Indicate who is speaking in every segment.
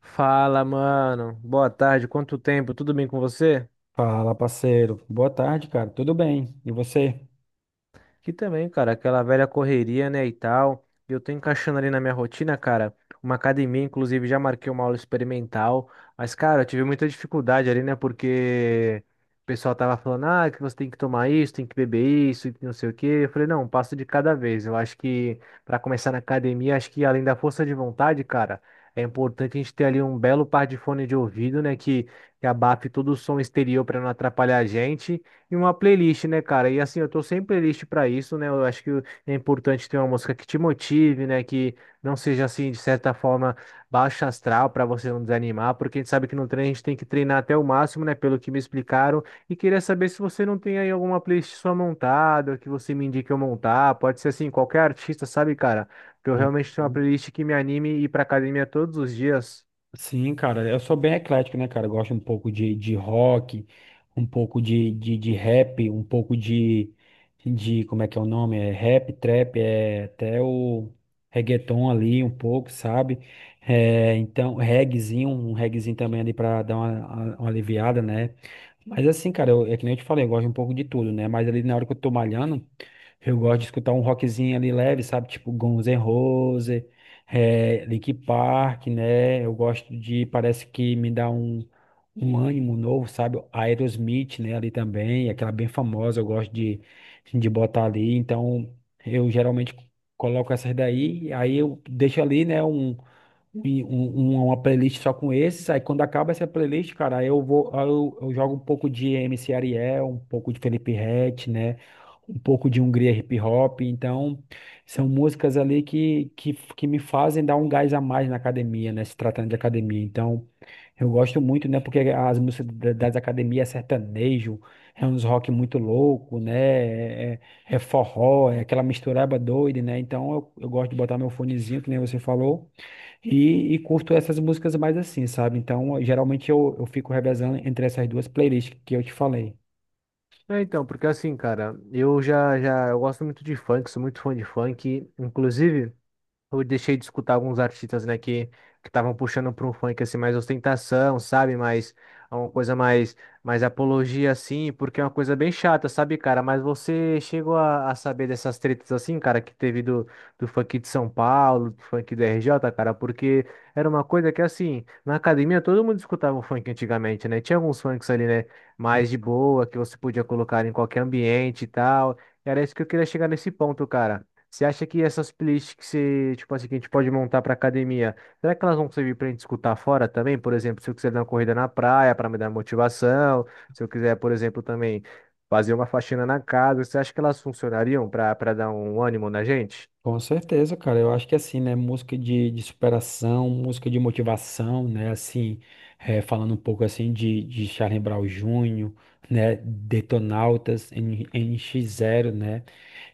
Speaker 1: Fala, mano. Boa tarde. Quanto tempo? Tudo bem com você?
Speaker 2: Fala, parceiro. Boa tarde, cara. Tudo bem? E você?
Speaker 1: Que também, cara, aquela velha correria, né, e tal. Eu tô encaixando ali na minha rotina, cara, uma academia, inclusive já marquei uma aula experimental. Mas, cara, eu tive muita dificuldade ali, né, porque o pessoal tava falando, ah, que você tem que tomar isso, tem que beber isso, e não sei o quê. Eu falei, não, um passo de cada vez. Eu acho que pra começar na academia, acho que além da força de vontade, cara, é importante a gente ter ali um belo par de fone de ouvido, né, que abafe todo o som exterior pra não atrapalhar a gente. E uma playlist, né, cara? E assim, eu tô sem playlist pra isso, né? Eu acho que é importante ter uma música que te motive, né? Que não seja assim, de certa forma, baixa astral pra você não desanimar, porque a gente sabe que no treino a gente tem que treinar até o máximo, né? Pelo que me explicaram. E queria saber se você não tem aí alguma playlist sua montada, que você me indique eu montar. Pode ser assim, qualquer artista, sabe, cara? Porque eu
Speaker 2: Sim,
Speaker 1: realmente tenho uma
Speaker 2: sim.
Speaker 1: playlist que me anime e ir pra academia todos os dias.
Speaker 2: Sim, cara. Eu sou bem eclético, né, cara? Eu gosto um pouco de rock, um pouco de rap, um pouco de. Como é que é o nome? É rap, trap, é até o reggaeton ali, um pouco, sabe? É, então, reggaezinho, um reggaezinho também ali pra dar uma aliviada, né? Mas assim, cara, é que nem eu te falei, eu gosto um pouco de tudo, né? Mas ali na hora que eu tô malhando. Eu gosto de escutar um rockzinho ali leve, sabe? Tipo Guns N' Roses, Linkin Park, né? Eu gosto parece que me dá um ânimo novo, sabe? Aerosmith, né? Ali também, aquela bem famosa, eu gosto de botar ali. Então, eu geralmente coloco essas daí, aí eu deixo ali, né? E um- uma playlist só com esses. Aí quando acaba essa playlist, cara, aí eu vou, aí eu jogo um pouco de MC Ariel, um pouco de Felipe Ret, né? Um pouco de Hungria Hip Hop. Então, são músicas ali que me fazem dar um gás a mais na academia, né? Se tratando de academia. Então, eu gosto muito, né? Porque as músicas das academias é sertanejo, é uns rock muito louco, né? É forró, é aquela mistureba doida, né? Então, eu gosto de botar meu fonezinho, que nem você falou. E curto essas músicas mais assim, sabe? Então, geralmente eu fico revezando entre essas duas playlists que eu te falei.
Speaker 1: É, então, porque assim, cara, eu gosto muito de funk, sou muito fã de funk, inclusive. Eu deixei de escutar alguns artistas, né, que estavam puxando para um funk assim mais ostentação, sabe? Mais é uma coisa mais mais apologia assim, porque é uma coisa bem chata, sabe, cara? Mas você chegou a saber dessas tretas assim, cara, que teve do funk de São Paulo, do funk do RJ, cara, porque era uma coisa que assim, na academia todo mundo escutava o funk antigamente, né? Tinha alguns funks ali, né, mais de boa, que você podia colocar em qualquer ambiente e tal. Era isso que eu queria chegar nesse ponto, cara. Você acha que essas playlists que você, tipo assim, que a gente pode montar para academia, será que elas vão servir para a gente escutar fora também? Por exemplo, se eu quiser dar uma corrida na praia para me dar motivação, se eu quiser, por exemplo, também fazer uma faxina na casa, você acha que elas funcionariam para dar um ânimo na gente?
Speaker 2: Com certeza, cara. Eu acho que assim, né? Música de superação, música de motivação, né? Assim, falando um pouco assim de Charlie Brown Jr., né? Detonautas, nx zero, né?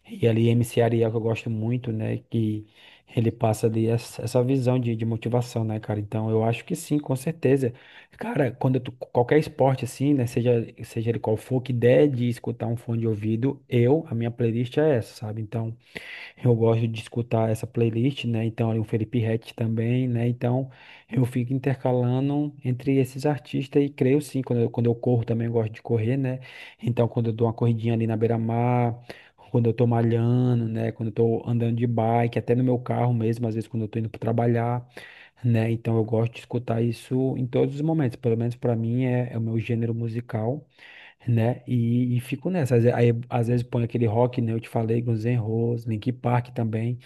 Speaker 2: E ali MC Ariel, que eu gosto muito, né? Que ele passa ali essa visão de motivação, né, cara? Então, eu acho que sim, com certeza. Cara, quando tu, qualquer esporte assim, né? Seja ele qual for, que der de escutar um fone de ouvido, eu, a minha playlist é essa, sabe? Então. Eu gosto de escutar essa playlist, né? Então, ali o Felipe Ret também, né? Então, eu fico intercalando entre esses artistas e creio sim, quando eu corro também eu gosto de correr, né? Então, quando eu dou uma corridinha ali na beira-mar, quando eu tô malhando, né? Quando eu tô andando de bike, até no meu carro mesmo, às vezes quando eu tô indo para trabalhar, né? Então, eu gosto de escutar isso em todos os momentos, pelo menos para mim é o meu gênero musical, né? E fico nessa. Aí, às vezes põe aquele rock, né? Eu te falei, Guns N' Roses, Linkin Park também.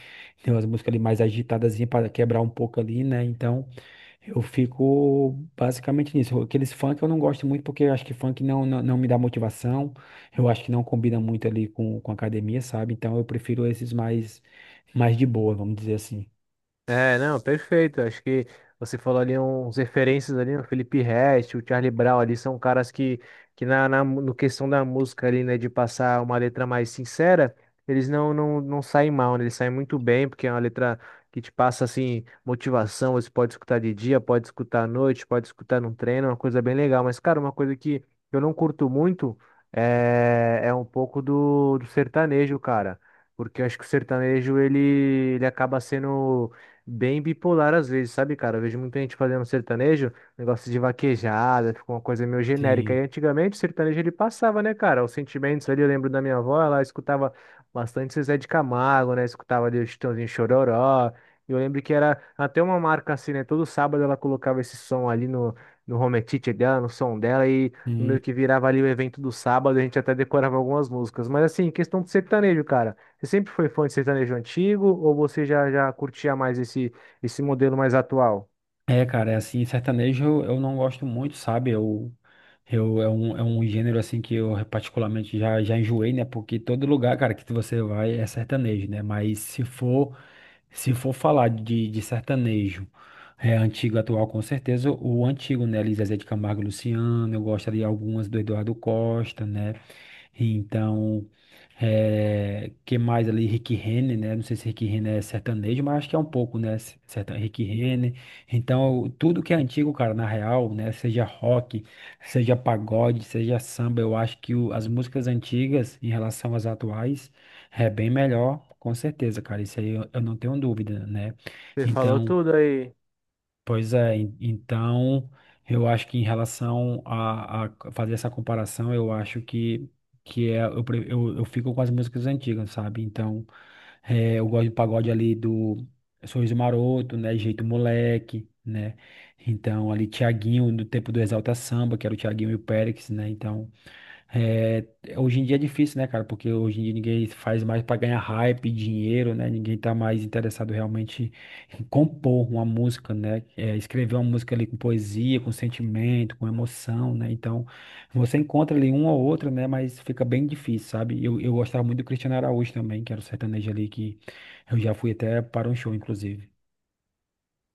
Speaker 2: Tem umas músicas ali mais agitadas para quebrar um pouco ali, né? Então, eu fico basicamente nisso. Aqueles funk eu não gosto muito porque eu acho que funk não me dá motivação. Eu acho que não combina muito ali com academia, sabe? Então, eu prefiro esses mais de boa, vamos dizer assim.
Speaker 1: É, não, perfeito. Acho que você falou ali uns referências ali, o Felipe Ret, o Charlie Brown ali, são caras que na, no questão da música ali, né, de passar uma letra mais sincera, eles não saem mal, né? Eles saem muito bem, porque é uma letra que te passa, assim, motivação. Você pode escutar de dia, pode escutar à noite, pode escutar num treino, é uma coisa bem legal. Mas, cara, uma coisa que eu não curto muito é um pouco do, do sertanejo, cara. Porque eu acho que o sertanejo, ele acaba sendo bem bipolar às vezes, sabe, cara? Eu vejo muita gente fazendo sertanejo, negócio de vaquejada, ficou uma coisa meio genérica. E
Speaker 2: Sim.
Speaker 1: antigamente o sertanejo ele passava, né, cara? Os sentimentos ali, eu lembro da minha avó, ela escutava bastante Zezé de Camargo, né? Escutava ali o Chitãozinho Chororó. E eu lembro que era até uma marca assim, né? Todo sábado ela colocava esse som ali no home theater dela, no som dela, e meio que virava ali o evento do sábado, a gente até decorava algumas músicas. Mas assim, questão do sertanejo, cara. Você sempre foi fã de sertanejo antigo ou você já curtia mais esse, esse modelo mais atual?
Speaker 2: É, cara, é assim, sertanejo eu não gosto muito, sabe? É um gênero, assim, que eu particularmente já enjoei, né? Porque todo lugar, cara, que você vai é sertanejo, né? Mas se for falar de sertanejo antigo, atual, com certeza o antigo, né? Elis Zezé de Camargo e Luciano, eu gosto ali algumas do Eduardo Costa, né? Então, que mais ali? Rick Renner, né? Não sei se Rick Renner é sertanejo, mas acho que é um pouco, né? Rick Renner. Então, tudo que é antigo, cara, na real, né? Seja rock, seja pagode, seja samba, eu acho que as músicas antigas em relação às atuais é bem melhor, com certeza, cara. Isso aí eu não tenho dúvida, né?
Speaker 1: Você falou
Speaker 2: Então.
Speaker 1: tudo aí.
Speaker 2: Pois é, então eu acho que em relação a fazer essa comparação, eu acho que eu fico com as músicas antigas, sabe? Então eu gosto do pagode ali do Sorriso Maroto, né? Jeito Moleque, né? Então ali Tiaguinho, do tempo do Exalta Samba, que era o Tiaguinho e o Périx, né? Então. É, hoje em dia é difícil, né, cara? Porque hoje em dia ninguém faz mais para ganhar hype, dinheiro, né? Ninguém tá mais interessado realmente em compor uma música, né? Escrever uma música ali com poesia, com sentimento, com emoção, né? Então, você encontra ali um ou outro, né? Mas fica bem difícil, sabe? Eu gostava muito do Cristiano Araújo também, que era o sertanejo ali que eu já fui até para um show, inclusive.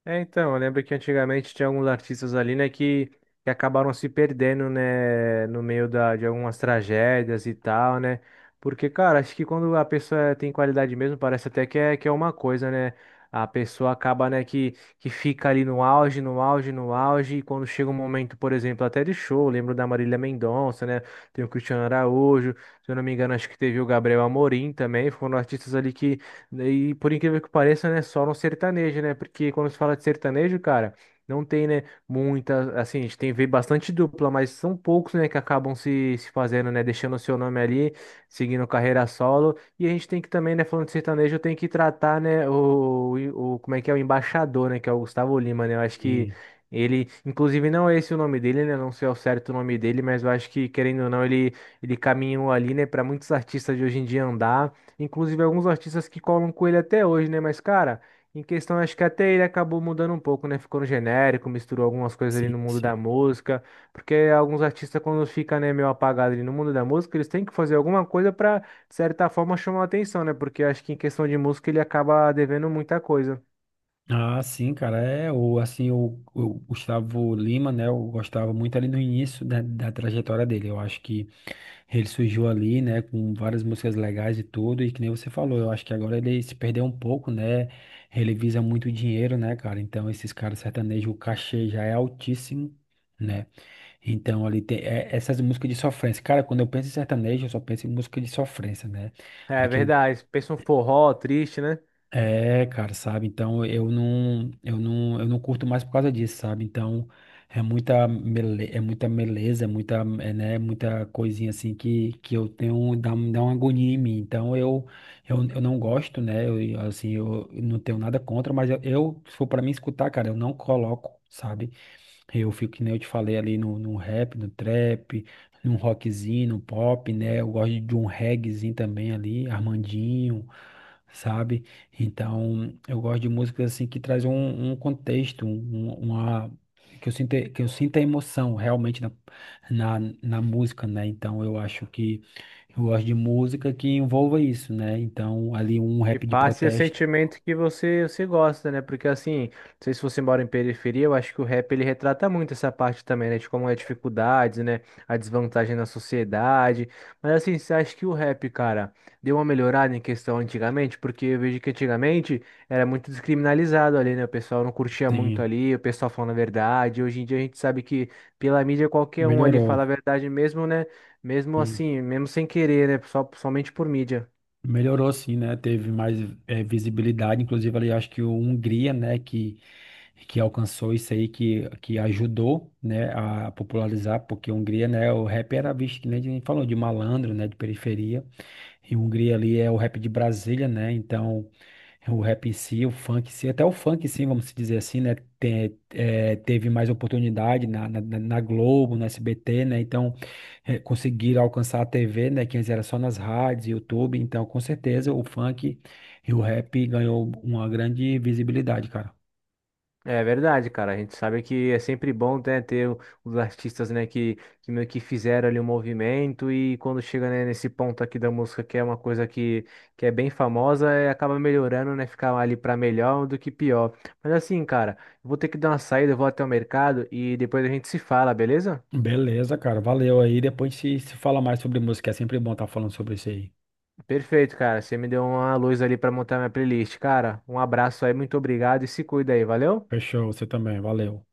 Speaker 1: É, então, eu lembro que antigamente tinha alguns artistas ali, né, que acabaram se perdendo, né, no meio da, de algumas tragédias e tal, né? Porque, cara, acho que quando a pessoa tem qualidade mesmo, parece até que é uma coisa, né? A pessoa acaba, né, que fica ali no auge, no auge, no auge, e quando chega um momento, por exemplo, até de show, eu lembro da Marília Mendonça, né? Tem o Cristiano Araújo, se eu não me engano, acho que teve o Gabriel Amorim também, foram artistas ali e por incrível que pareça, né, só no sertanejo, né? Porque quando se fala de sertanejo, cara, não tem, né, muita, assim, a gente tem vê bastante dupla, mas são poucos, né, que acabam se, se fazendo, né, deixando o seu nome ali, seguindo carreira solo. E a gente tem que também, né, falando de sertanejo, tem que tratar, né, o como é que é o embaixador, né, que é o Gustavo Lima, né? Eu acho que
Speaker 2: E-
Speaker 1: ele, inclusive, não é esse o nome dele, né? Não sei ao certo o nome dele, mas eu acho que, querendo ou não, ele caminhou ali, né, para muitos artistas de hoje em dia andar. Inclusive alguns artistas que colam com ele até hoje, né? Mas, cara, em questão, acho que até ele acabou mudando um pouco, né? Ficou no genérico, misturou algumas coisas ali
Speaker 2: Sim,
Speaker 1: no mundo da
Speaker 2: sim.
Speaker 1: música. Porque alguns artistas, quando fica, né, meio apagado ali no mundo da música, eles têm que fazer alguma coisa pra, de certa forma, chamar a atenção, né? Porque acho que em questão de música ele acaba devendo muita coisa.
Speaker 2: Ah, sim, cara, assim, o Gustavo Lima, né, eu gostava muito ali no início da trajetória dele, eu acho que ele surgiu ali, né, com várias músicas legais e tudo, e que nem você falou, eu acho que agora ele se perdeu um pouco, né, ele visa muito dinheiro, né, cara, então esses caras sertanejos, o cachê já é altíssimo, né, então ali tem essas músicas de sofrência, cara, quando eu penso em sertanejo, eu só penso em música de sofrência, né,
Speaker 1: É verdade. Pensa um forró triste, né?
Speaker 2: cara, sabe? Então eu não curto mais por causa disso, sabe? Então é muita mele, é muita meleza, né, muita coisinha assim que eu tenho dá, um- dá uma agonia em mim. Então eu não gosto, né? Eu, assim, eu não tenho nada contra, mas eu se for para mim escutar, cara, eu não coloco, sabe? Eu fico que nem eu te falei ali no rap, no trap, num rockzinho, no pop, né? Eu gosto de um reggaezinho também ali, Armandinho, sabe? Então, eu gosto de músicas assim que traz um contexto, uma que eu sinta emoção realmente na música, né? Então, eu acho que eu gosto de música que envolva isso, né? Então, ali um
Speaker 1: E
Speaker 2: rap de
Speaker 1: passe o
Speaker 2: protesto.
Speaker 1: sentimento que você, você gosta, né? Porque assim, não sei se você mora em periferia, eu acho que o rap ele retrata muito essa parte também, né? De como é a dificuldade, né? A desvantagem na sociedade. Mas assim, você acha que o rap, cara, deu uma melhorada em questão antigamente? Porque eu vejo que antigamente era muito descriminalizado ali, né? O pessoal não curtia muito
Speaker 2: Sim,
Speaker 1: ali, o pessoal falando a verdade. Hoje em dia a gente sabe que pela mídia qualquer um ali
Speaker 2: melhorou.
Speaker 1: fala a verdade mesmo, né? Mesmo
Speaker 2: Sim.
Speaker 1: assim, mesmo sem querer, né? Só, somente por mídia.
Speaker 2: Melhorou sim, né? Teve mais visibilidade, inclusive ali acho que o Hungria, né, que alcançou isso aí, que ajudou, né, a popularizar, porque a Hungria, né, o rap era visto, que nem a gente falou, de malandro, né, de periferia, e a Hungria ali é o rap de Brasília, né, então o rap em si, o funk em si, até o funk sim, vamos se dizer assim, né, teve mais oportunidade na Globo, na SBT, né, então conseguiram alcançar a TV, né, que antes era só nas rádios, YouTube, então com certeza o funk e o rap ganhou uma grande visibilidade, cara.
Speaker 1: É verdade, cara. A gente sabe que é sempre bom, né, ter o- os artistas, né, que meio que fizeram ali um movimento e quando chega, né, nesse ponto aqui da música, que é uma coisa que é bem famosa, é, acaba melhorando, né, ficar ali pra melhor do que pior. Mas assim, cara, eu vou ter que dar uma saída, eu vou até o mercado e depois a gente se fala, beleza?
Speaker 2: Beleza, cara. Valeu aí. Depois se fala mais sobre música. É sempre bom estar falando sobre isso aí.
Speaker 1: Perfeito, cara. Você me deu uma luz ali pra montar minha playlist, cara. Um abraço aí, muito obrigado e se cuida aí, valeu?
Speaker 2: Fechou, você também. Valeu.